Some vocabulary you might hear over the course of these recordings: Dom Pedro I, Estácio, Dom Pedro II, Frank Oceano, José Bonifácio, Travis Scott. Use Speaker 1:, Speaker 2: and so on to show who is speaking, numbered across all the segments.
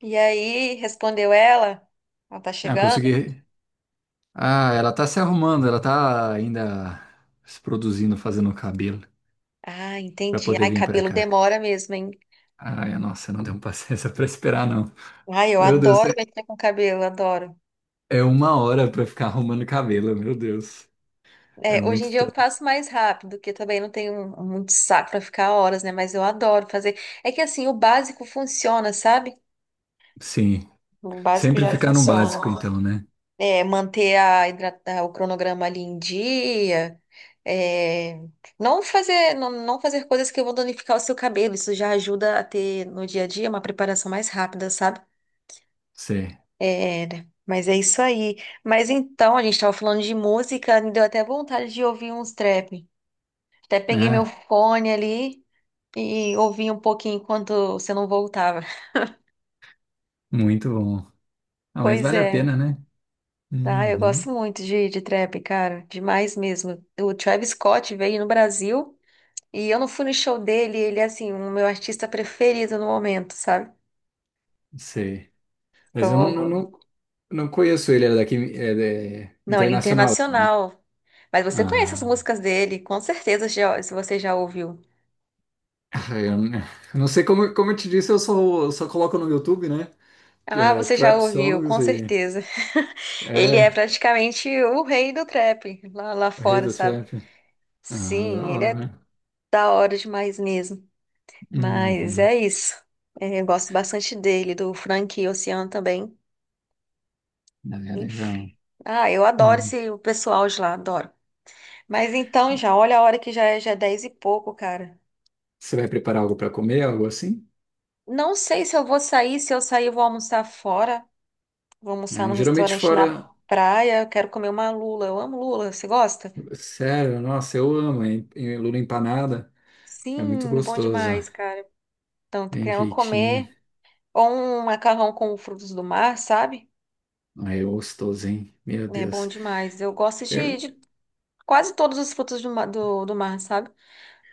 Speaker 1: E aí, respondeu ela, ela tá
Speaker 2: Ah,
Speaker 1: chegando?
Speaker 2: consegui. Ah, ela tá se arrumando, ela tá ainda se produzindo, fazendo o cabelo
Speaker 1: Ah,
Speaker 2: pra
Speaker 1: entendi.
Speaker 2: poder
Speaker 1: Ai,
Speaker 2: vir pra
Speaker 1: cabelo
Speaker 2: cá.
Speaker 1: demora mesmo, hein?
Speaker 2: Ai, nossa, não deu paciência pra esperar, não.
Speaker 1: Ai, eu
Speaker 2: Meu Deus, é
Speaker 1: adoro mexer com cabelo, adoro.
Speaker 2: é uma hora pra ficar arrumando cabelo, meu Deus. É
Speaker 1: É, hoje em
Speaker 2: muito
Speaker 1: dia eu
Speaker 2: tempo.
Speaker 1: faço mais rápido, porque também não tenho muito saco pra ficar horas, né? Mas eu adoro fazer. É que assim, o básico funciona, sabe?
Speaker 2: Sim,
Speaker 1: O básico
Speaker 2: sempre
Speaker 1: já
Speaker 2: ficar no básico,
Speaker 1: funciona.
Speaker 2: então, né?
Speaker 1: É, manter a o cronograma ali em dia, é, não fazer, não, não fazer coisas que vão danificar o seu cabelo. Isso já ajuda a ter no dia a dia uma preparação mais rápida, sabe?
Speaker 2: Sei,
Speaker 1: É, né? Mas é isso aí. Mas então, a gente estava falando de música, me deu até vontade de ouvir uns trap. Até peguei meu
Speaker 2: né?
Speaker 1: fone ali e ouvi um pouquinho enquanto você não voltava.
Speaker 2: Muito bom. Ah, mas
Speaker 1: Pois
Speaker 2: vale a
Speaker 1: é.
Speaker 2: pena, né?
Speaker 1: Ah, eu
Speaker 2: Uhum.
Speaker 1: gosto muito de trap, cara. Demais mesmo. O Travis Scott veio no Brasil. E eu não fui no show dele, ele é assim, o meu artista preferido no momento, sabe?
Speaker 2: Sei. Mas eu não,
Speaker 1: Aham.
Speaker 2: não, não conheço ele, é daqui, é, é
Speaker 1: Não, ele é
Speaker 2: internacional, né?
Speaker 1: internacional. Mas você conhece as
Speaker 2: Ah.
Speaker 1: músicas dele, com certeza já, se você já ouviu.
Speaker 2: Ah, eu não sei como eu te disse, eu só coloco no YouTube, né?
Speaker 1: Ah,
Speaker 2: É,
Speaker 1: você já
Speaker 2: trap
Speaker 1: ouviu,
Speaker 2: songs
Speaker 1: com
Speaker 2: e.
Speaker 1: certeza. Ele é
Speaker 2: É,
Speaker 1: praticamente o rei do trap lá, lá
Speaker 2: o rei
Speaker 1: fora,
Speaker 2: do
Speaker 1: sabe?
Speaker 2: trap. Ah, da
Speaker 1: Sim, ele é
Speaker 2: hora.
Speaker 1: da hora demais mesmo. Mas
Speaker 2: Uhum.
Speaker 1: é isso. É, eu gosto bastante dele, do Frank Oceano também.
Speaker 2: Ah, é
Speaker 1: Enfim.
Speaker 2: legal.
Speaker 1: Ah, eu adoro
Speaker 2: Hum.
Speaker 1: esse o pessoal de lá, adoro. Mas então já, olha a hora que já é 10 e pouco, cara.
Speaker 2: Você vai preparar algo para comer, algo assim?
Speaker 1: Não sei se eu vou sair, se eu sair, eu vou almoçar fora. Vou almoçar
Speaker 2: É,
Speaker 1: no
Speaker 2: geralmente
Speaker 1: restaurante na
Speaker 2: fora.
Speaker 1: praia. Eu quero comer uma lula. Eu amo lula. Você gosta?
Speaker 2: Sério, nossa, eu amo, hein? Lula empanada. É muito
Speaker 1: Sim, bom
Speaker 2: gostoso.
Speaker 1: demais, cara. Então, tô
Speaker 2: Bem
Speaker 1: querendo
Speaker 2: feitinha.
Speaker 1: comer ou um macarrão com frutos do mar, sabe?
Speaker 2: Ah, é gostoso, hein? Meu
Speaker 1: É bom
Speaker 2: Deus.
Speaker 1: demais. Eu gosto de,
Speaker 2: Eu-
Speaker 1: de quase todos os frutos do mar, sabe?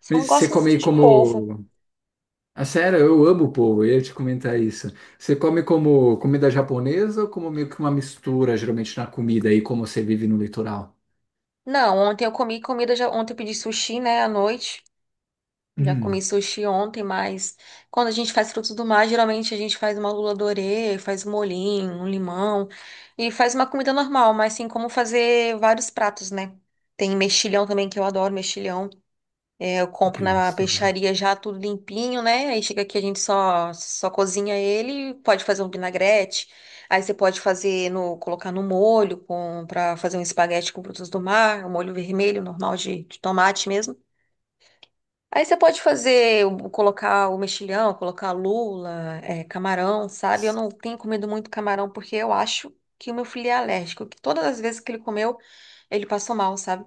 Speaker 1: Só não
Speaker 2: Mas você
Speaker 1: gosto muito
Speaker 2: come
Speaker 1: de polvo.
Speaker 2: como. Ah, sério, eu amo povo, eu ia te comentar isso. Você come como comida japonesa ou como meio que uma mistura, geralmente, na comida aí, como você vive no litoral?
Speaker 1: Não, ontem eu comi comida, já, ontem eu pedi sushi, né, à noite. Já comi
Speaker 2: Hum,
Speaker 1: sushi ontem, mas quando a gente faz frutos do mar, geralmente a gente faz uma lula dorê, faz molhinho, um limão e faz uma comida normal, mas tem como fazer vários pratos, né? Tem mexilhão também, que eu adoro mexilhão. É, eu compro
Speaker 2: que
Speaker 1: na
Speaker 2: gostoso.
Speaker 1: peixaria já tudo limpinho, né? Aí chega aqui a gente só cozinha ele, pode fazer um vinagrete. Aí você pode fazer colocar no molho com para fazer um espaguete com frutos do mar, um molho vermelho normal de tomate mesmo. Aí você pode fazer, colocar o mexilhão, colocar lula, camarão, sabe? Eu não tenho comido muito camarão porque eu acho que o meu filho é alérgico, que todas as vezes que ele comeu, ele passou mal, sabe?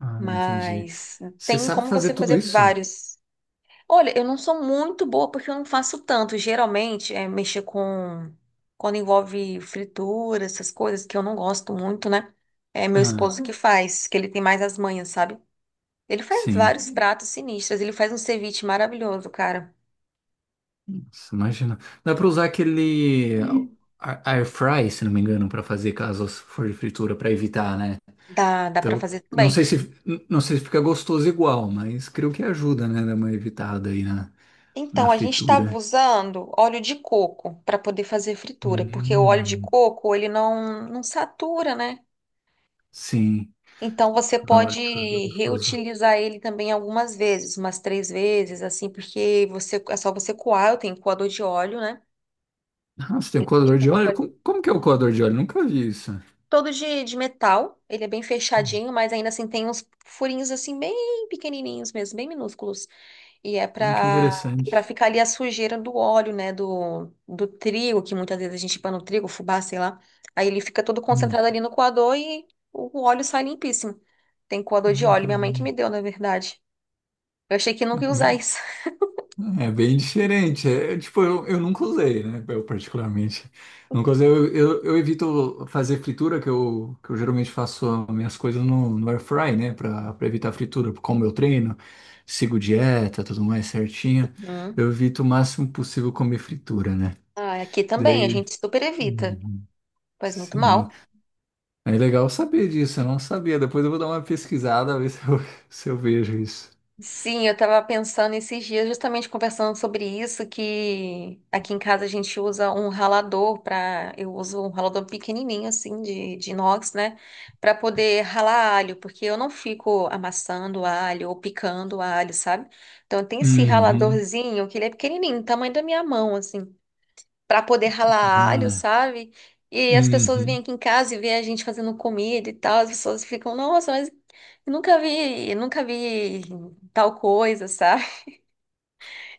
Speaker 2: Ah, entendi.
Speaker 1: Mas
Speaker 2: Você
Speaker 1: tem
Speaker 2: sabe
Speaker 1: como
Speaker 2: fazer
Speaker 1: você
Speaker 2: tudo
Speaker 1: fazer
Speaker 2: isso?
Speaker 1: vários. Olha, eu não sou muito boa porque eu não faço tanto. Geralmente é mexer com. Quando envolve fritura, essas coisas que eu não gosto muito, né? É meu
Speaker 2: Ah,
Speaker 1: esposo que faz, que ele tem mais as manhas, sabe? Ele faz
Speaker 2: sim.
Speaker 1: vários pratos sinistros. Ele faz um ceviche maravilhoso, cara.
Speaker 2: Nossa, imagina. Dá pra usar aquele air fry, se não me engano, pra fazer caso for de fritura, pra evitar, né?
Speaker 1: Dá para
Speaker 2: Então,
Speaker 1: fazer
Speaker 2: não
Speaker 1: também.
Speaker 2: sei se não sei se fica gostoso igual, mas creio que ajuda, né? Dar uma evitada aí na, na
Speaker 1: Então, a gente estava
Speaker 2: fritura.
Speaker 1: usando óleo de coco para poder fazer fritura, porque o óleo de
Speaker 2: Hum,
Speaker 1: coco, ele não, não satura, né?
Speaker 2: sim.
Speaker 1: Então, você
Speaker 2: Olha
Speaker 1: pode
Speaker 2: que gostoso.
Speaker 1: reutilizar ele também algumas vezes, umas três vezes, assim, porque você, é só você coar. Eu tenho coador de óleo, né?
Speaker 2: Nossa, tem um coador de óleo?
Speaker 1: Olha.
Speaker 2: Como, como que é o coador de óleo? Nunca vi isso.
Speaker 1: Todo de metal. Ele é bem
Speaker 2: Hum,
Speaker 1: fechadinho, mas ainda assim tem uns furinhos, assim, bem pequenininhos mesmo, bem minúsculos. E é
Speaker 2: que
Speaker 1: para
Speaker 2: interessante.
Speaker 1: ficar ali a sujeira do óleo, né? Do trigo, que muitas vezes a gente põe no trigo, fubá, sei lá. Aí ele fica todo
Speaker 2: Hum,
Speaker 1: concentrado ali no coador e o óleo sai limpíssimo. Tem coador de
Speaker 2: hum,
Speaker 1: óleo,
Speaker 2: que
Speaker 1: minha mãe que me
Speaker 2: le-
Speaker 1: deu, na verdade. Eu achei que nunca ia usar
Speaker 2: bem-
Speaker 1: isso.
Speaker 2: É bem diferente. É, é, tipo, eu nunca usei, né? Eu particularmente. Nunca usei. Eu evito fazer fritura, que eu geralmente faço minhas coisas no air fry, né? Pra evitar fritura. Como eu treino, sigo dieta, tudo mais certinho.
Speaker 1: Hum.
Speaker 2: Eu evito o máximo possível comer fritura, né?
Speaker 1: Ah, aqui também, a gente super evita.
Speaker 2: Uhum.
Speaker 1: Faz muito
Speaker 2: Sim,
Speaker 1: mal.
Speaker 2: é legal saber disso, eu não sabia. Depois eu vou dar uma pesquisada, ver se eu, se eu vejo isso.
Speaker 1: Sim, eu estava pensando esses dias, justamente conversando sobre isso, que aqui em casa a gente usa um ralador para, eu uso um ralador pequenininho assim de inox, né, para poder ralar alho, porque eu não fico amassando alho ou picando alho, sabe? Então tem esse
Speaker 2: Uhum.
Speaker 1: raladorzinho que ele é pequenininho, tamanho da minha mão assim para poder
Speaker 2: Que da
Speaker 1: ralar alho,
Speaker 2: hora.
Speaker 1: sabe? E as pessoas vêm
Speaker 2: Uhum.
Speaker 1: aqui em casa e vê a gente fazendo comida e tal, as pessoas ficam, nossa, mas eu nunca vi tal coisa, sabe?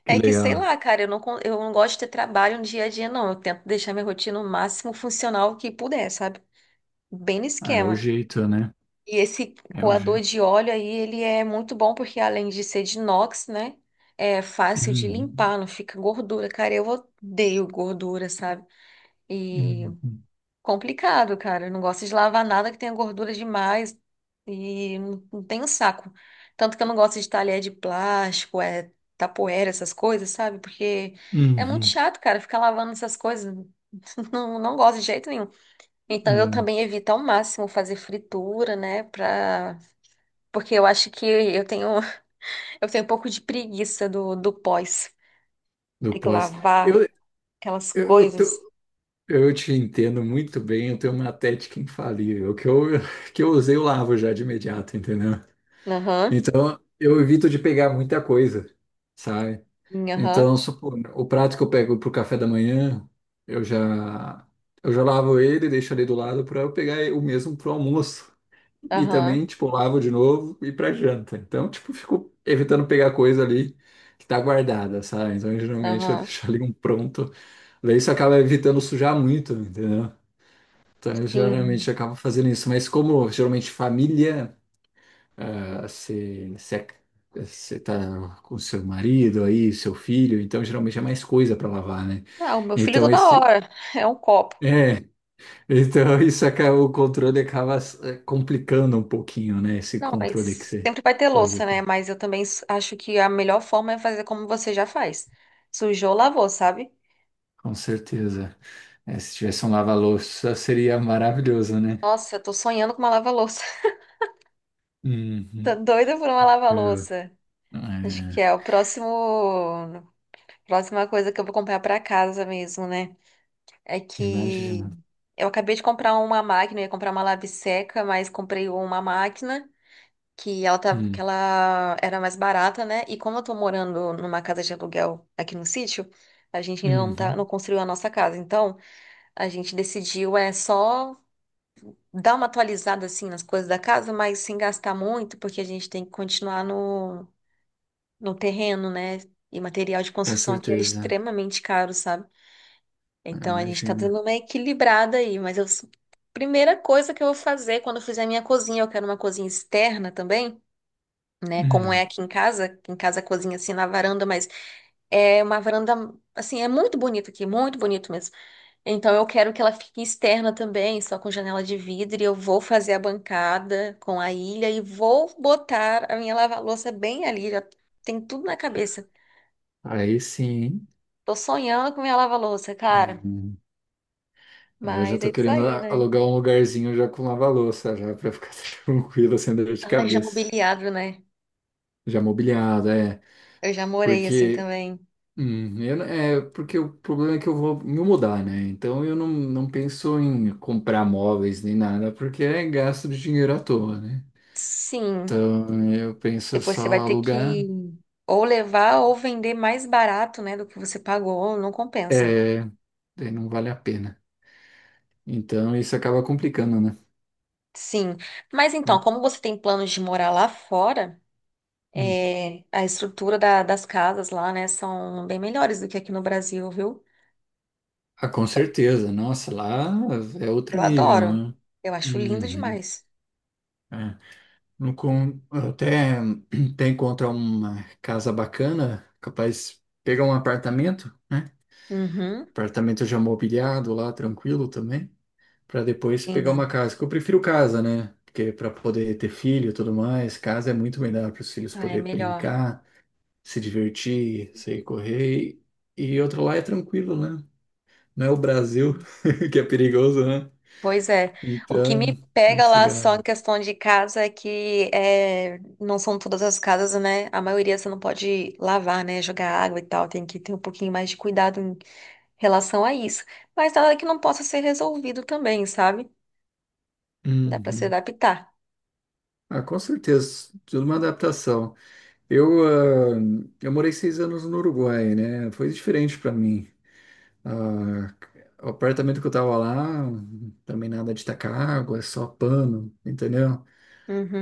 Speaker 2: Que
Speaker 1: É que sei
Speaker 2: legal.
Speaker 1: lá, cara, eu não gosto de ter trabalho no dia a dia, não. Eu tento deixar minha rotina o máximo funcional que puder, sabe? Bem no
Speaker 2: Ah, é o
Speaker 1: esquema.
Speaker 2: jeito, né?
Speaker 1: E esse
Speaker 2: É o
Speaker 1: coador
Speaker 2: jeito.
Speaker 1: de óleo aí, ele é muito bom porque além de ser de inox, né? É fácil de
Speaker 2: Uhum.
Speaker 1: limpar, não fica gordura. Cara, eu odeio gordura, sabe? E
Speaker 2: Uhum.
Speaker 1: Complicado, cara. Eu não gosto de lavar nada que tenha gordura demais e não não tenho saco. Tanto que eu não gosto de talher de plástico, tapoeira, essas coisas, sabe? Porque é muito
Speaker 2: Uhum.
Speaker 1: chato, cara, ficar lavando essas coisas. Não, não gosto de jeito nenhum. Então eu
Speaker 2: É,
Speaker 1: também evito ao máximo fazer fritura, né? Porque eu acho que eu tenho, eu tenho um pouco de preguiça do pós.
Speaker 2: do
Speaker 1: Ter que
Speaker 2: pós. Eu,
Speaker 1: lavar aquelas
Speaker 2: eu, eu, te-
Speaker 1: coisas.
Speaker 2: eu te entendo muito bem, eu tenho uma técnica infalível, que eu, que eu usei, eu lavo já de imediato, entendeu?
Speaker 1: Aham,
Speaker 2: Então, eu evito de pegar muita coisa, sabe?
Speaker 1: aham,
Speaker 2: Então, supor, o prato que eu pego pro café da manhã, eu já eu já lavo ele, deixo ali do lado para eu pegar o mesmo pro almoço. E
Speaker 1: aham,
Speaker 2: também, tipo, lavo de novo e pra janta. Então, tipo, fico evitando pegar coisa ali que tá guardada, sabe? Então, geralmente eu
Speaker 1: aham.
Speaker 2: deixo ali um pronto. Daí isso acaba evitando sujar muito, entendeu? Então, eu geralmente
Speaker 1: Sim.
Speaker 2: acabo fazendo isso, mas como geralmente família ah, você, você, é, você tá com seu marido aí, seu filho, então geralmente é mais coisa para lavar, né?
Speaker 1: Não, meu filho
Speaker 2: Então
Speaker 1: toda
Speaker 2: esse
Speaker 1: hora é um copo.
Speaker 2: é, então isso acaba, o controle acaba complicando um pouquinho, né? Esse
Speaker 1: Não,
Speaker 2: controle que
Speaker 1: mas
Speaker 2: você
Speaker 1: sempre vai ter
Speaker 2: pode
Speaker 1: louça,
Speaker 2: ter.
Speaker 1: né? Mas eu também acho que a melhor forma é fazer como você já faz. Sujou, lavou, sabe?
Speaker 2: Com certeza. É, se tivesse um lava-louça seria maravilhoso, né?
Speaker 1: Nossa, eu tô sonhando com uma lava-louça. Tô
Speaker 2: Uhum.
Speaker 1: doida por uma lava-louça. Acho que é
Speaker 2: É,
Speaker 1: próxima coisa que eu vou comprar pra casa mesmo, né? É que
Speaker 2: imagina.
Speaker 1: eu acabei de comprar uma máquina, eu ia comprar uma lave-seca, mas comprei uma máquina, que
Speaker 2: Hum,
Speaker 1: ela era mais barata, né? E como eu tô morando numa casa de aluguel aqui no sítio, a gente ainda não tá,
Speaker 2: uhum,
Speaker 1: não construiu a nossa casa. Então, a gente decidiu é só dar uma atualizada assim nas coisas da casa, mas sem gastar muito, porque a gente tem que continuar no terreno, né? E material de
Speaker 2: com
Speaker 1: construção aqui é
Speaker 2: certeza.
Speaker 1: extremamente caro, sabe? Então, a gente tá
Speaker 2: Imagina.
Speaker 1: dando uma equilibrada aí. Mas eu Primeira coisa que eu vou fazer quando eu fizer minha cozinha, eu quero uma cozinha externa também, né? Como é
Speaker 2: Hum,
Speaker 1: aqui em casa cozinha assim na varanda, mas é uma varanda assim, é muito bonito aqui, muito bonito mesmo. Então eu quero que ela fique externa também, só com janela de vidro, e eu vou fazer a bancada com a ilha e vou botar a minha lava-louça bem ali, já tem tudo na cabeça.
Speaker 2: aí sim.
Speaker 1: Tô sonhando com minha lava-louça, cara.
Speaker 2: Hein? Eu já
Speaker 1: Mas é
Speaker 2: tô
Speaker 1: isso
Speaker 2: querendo
Speaker 1: aí, né?
Speaker 2: alugar um lugarzinho já com lava-louça, já pra ficar tranquilo, sem dor de
Speaker 1: Ai, já
Speaker 2: cabeça.
Speaker 1: mobiliado, né?
Speaker 2: Já mobiliado, é.
Speaker 1: Eu já morei assim
Speaker 2: Porque,
Speaker 1: também.
Speaker 2: eu não- é, porque o problema é que eu vou me mudar, né? Então eu não, não penso em comprar móveis nem nada, porque é gasto de dinheiro à toa, né?
Speaker 1: Sim.
Speaker 2: Então eu penso
Speaker 1: Depois você
Speaker 2: só
Speaker 1: vai ter
Speaker 2: alugar,
Speaker 1: que ou levar ou vender mais barato, né, do que você pagou, não compensa.
Speaker 2: é, daí não vale a pena. Então isso acaba complicando, né?
Speaker 1: Sim. Mas então, como você tem planos de morar lá fora,
Speaker 2: Hum.
Speaker 1: a estrutura das casas lá, né, são bem melhores do que aqui no Brasil, viu?
Speaker 2: Ah, com certeza. Nossa, lá é outro
Speaker 1: Eu
Speaker 2: nível,
Speaker 1: adoro.
Speaker 2: né?
Speaker 1: Eu acho lindo
Speaker 2: Uhum.
Speaker 1: demais.
Speaker 2: É. No con- até até encontrar uma casa bacana, capaz de pegar um apartamento, né?
Speaker 1: Uhum.
Speaker 2: Apartamento já mobiliado lá, tranquilo também, para depois pegar uma
Speaker 1: Sim.
Speaker 2: casa. Que eu prefiro casa, né? Porque para poder ter filho e tudo mais, casa é muito melhor para os filhos
Speaker 1: Ah, é
Speaker 2: poder
Speaker 1: melhor.
Speaker 2: brincar, se divertir, sair correr. E outro lá é tranquilo, né? Não é o Brasil que é perigoso, né?
Speaker 1: Pois é. O que
Speaker 2: Então,
Speaker 1: me pega
Speaker 2: esse
Speaker 1: lá só em
Speaker 2: gado.
Speaker 1: questão de casa é que é, não são todas as casas, né? A maioria você não pode lavar, né? Jogar água e tal. Tem que ter um pouquinho mais de cuidado em relação a isso. Mas nada que não possa ser resolvido também, sabe? Dá pra se
Speaker 2: Uhum.
Speaker 1: adaptar.
Speaker 2: Ah, com certeza, tudo uma adaptação. Eu, ah, eu morei 6 anos no Uruguai, né? Foi diferente para mim. Ah, o apartamento que eu tava lá, também nada de tacar água, é só pano, entendeu?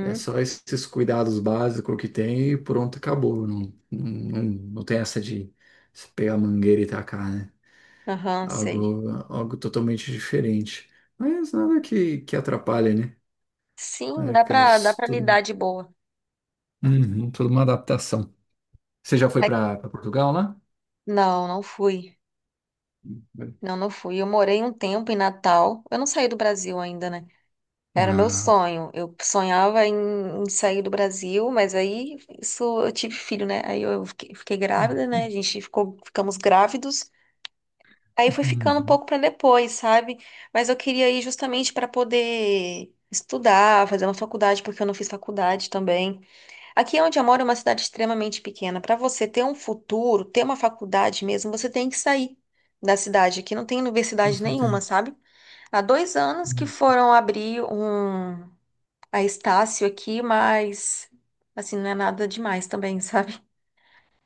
Speaker 2: É só esses cuidados básicos que tem e pronto, acabou. Não, não, não tem essa de se pegar a mangueira e tacar, né?
Speaker 1: Aham, sei.
Speaker 2: Algo, algo totalmente diferente. Mas nada que, que atrapalhe, né? É
Speaker 1: Sim, dá pra, dá
Speaker 2: aquelas-
Speaker 1: pra
Speaker 2: tudo,
Speaker 1: lidar de boa.
Speaker 2: uhum, tudo uma adaptação. Você já foi
Speaker 1: Mas
Speaker 2: para Portugal lá?
Speaker 1: não, não fui. Não, não fui. Eu morei um tempo em Natal. Eu não saí do Brasil ainda, né? Era meu
Speaker 2: Ah,
Speaker 1: sonho. Eu sonhava em, sair do Brasil, mas aí isso eu tive filho, né? Aí eu fiquei grávida, né? A gente ficamos grávidos. Aí foi ficando um
Speaker 2: uhum,
Speaker 1: pouco para depois, sabe? Mas eu queria ir justamente para poder estudar, fazer uma faculdade, porque eu não fiz faculdade também. Aqui onde eu moro é uma cidade extremamente pequena. Para você ter um futuro, ter uma faculdade mesmo, você tem que sair da cidade. Aqui não tem
Speaker 2: com
Speaker 1: universidade nenhuma,
Speaker 2: certeza.
Speaker 1: sabe? Há 2 anos que
Speaker 2: Uhum.
Speaker 1: foram abrir a Estácio aqui, mas assim, não é nada demais também, sabe?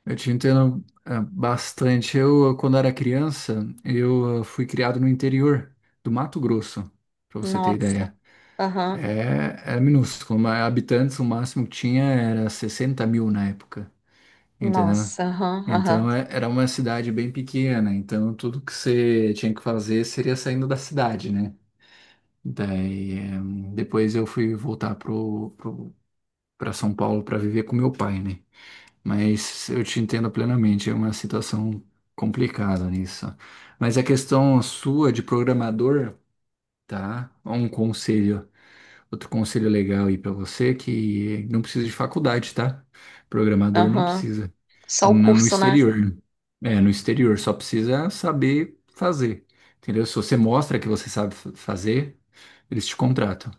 Speaker 2: Eu te entendo bastante. Eu, quando era criança, eu fui criado no interior do Mato Grosso, para você ter
Speaker 1: Nossa,
Speaker 2: ideia.
Speaker 1: aham,
Speaker 2: É minúsculo, mas habitantes, o máximo que tinha era 60 mil na época, entendeu?
Speaker 1: nossa, aham, aham,
Speaker 2: Então é- era uma cidade bem pequena, então tudo que você tinha que fazer seria saindo da cidade, né? Daí, depois eu fui voltar para São Paulo para viver com meu pai, né? Mas eu te entendo plenamente, é uma situação complicada nisso. Mas a questão sua de programador, tá? Um conselho, outro conselho legal aí pra você que não precisa de faculdade, tá? Programador não
Speaker 1: aham.
Speaker 2: precisa.
Speaker 1: Só o
Speaker 2: No
Speaker 1: curso, né?
Speaker 2: exterior. É, no exterior, só precisa saber fazer. Entendeu? Se você mostra que você sabe fazer, eles te contratam.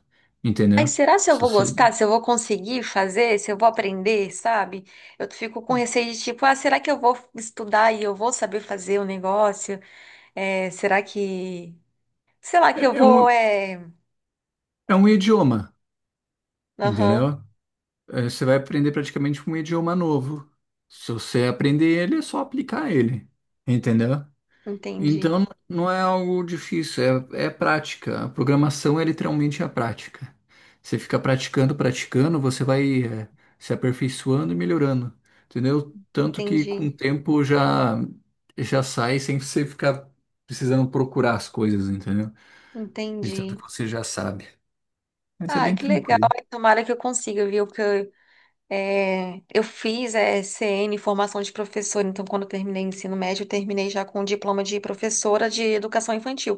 Speaker 1: Aí
Speaker 2: Entendeu?
Speaker 1: será se eu
Speaker 2: Se
Speaker 1: vou
Speaker 2: você...
Speaker 1: gostar? Se eu vou conseguir fazer? Se eu vou aprender, sabe? Eu fico com receio de tipo, ah, será que eu vou estudar e eu vou saber fazer o negócio? É, será que, sei lá,
Speaker 2: É
Speaker 1: que eu
Speaker 2: é um,
Speaker 1: vou,
Speaker 2: é um idioma,
Speaker 1: aham,
Speaker 2: entendeu? Eh, você vai aprender praticamente um idioma novo. Se você aprender ele, é só aplicar ele, entendeu?
Speaker 1: entendi,
Speaker 2: Então não é algo difícil, é, é prática. A programação é literalmente a prática. Você fica praticando, praticando, você vai, se aperfeiçoando e melhorando, entendeu? Tanto que com o
Speaker 1: entendi,
Speaker 2: tempo já já sai sem você ficar precisando procurar as coisas, entendeu? De tanto
Speaker 1: entendi.
Speaker 2: que você já sabe. Mas é
Speaker 1: Ai,
Speaker 2: bem
Speaker 1: que legal.
Speaker 2: tranquilo.
Speaker 1: Tomara que eu consiga, viu? Porque eu fiz CN, formação de professora, então quando eu terminei o ensino médio, eu terminei já com o diploma de professora de educação infantil.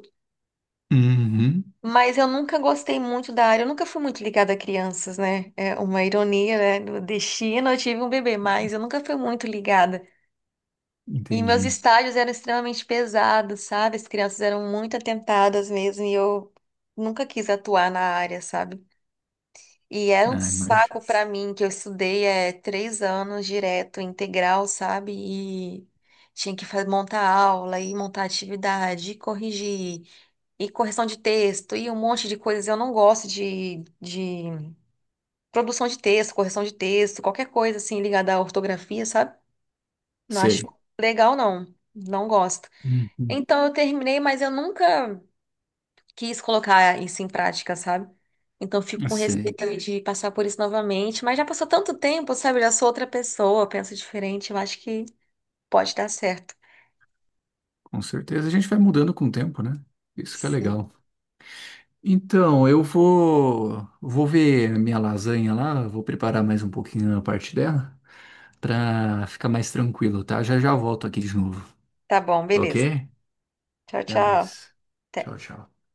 Speaker 2: Uhum,
Speaker 1: Mas eu nunca gostei muito da área, eu nunca fui muito ligada a crianças, né? É uma ironia, né? No destino eu tive um bebê, mas eu nunca fui muito ligada. E meus
Speaker 2: entendi.
Speaker 1: estágios eram extremamente pesados, sabe? As crianças eram muito atentadas mesmo e eu nunca quis atuar na área, sabe? E era um
Speaker 2: Ah, imagino.
Speaker 1: saco pra mim, que eu estudei 3 anos direto, integral, sabe? E tinha que montar aula, e montar atividade, e corrigir, e correção de texto, e um monte de coisas. Eu não gosto de produção de texto, correção de texto, qualquer coisa assim ligada à ortografia, sabe? Não acho
Speaker 2: Sei.
Speaker 1: legal, não. Não gosto.
Speaker 2: Uhum.
Speaker 1: Então eu terminei, mas eu nunca quis colocar isso em prática, sabe? Então fico com receio
Speaker 2: Sei,
Speaker 1: ali de passar por isso novamente, mas já passou tanto tempo, sabe? Eu já sou outra pessoa, penso diferente, eu acho que pode dar certo.
Speaker 2: com certeza. A gente vai mudando com o tempo, né? Isso que é
Speaker 1: Sim.
Speaker 2: legal. Então, eu vou, vou ver a minha lasanha lá, vou preparar mais um pouquinho a parte dela pra ficar mais tranquilo, tá? Já já volto aqui de novo,
Speaker 1: Tá bom, beleza.
Speaker 2: ok?
Speaker 1: Tchau,
Speaker 2: Até
Speaker 1: tchau.
Speaker 2: mais. Tchau,
Speaker 1: Até.
Speaker 2: tchau.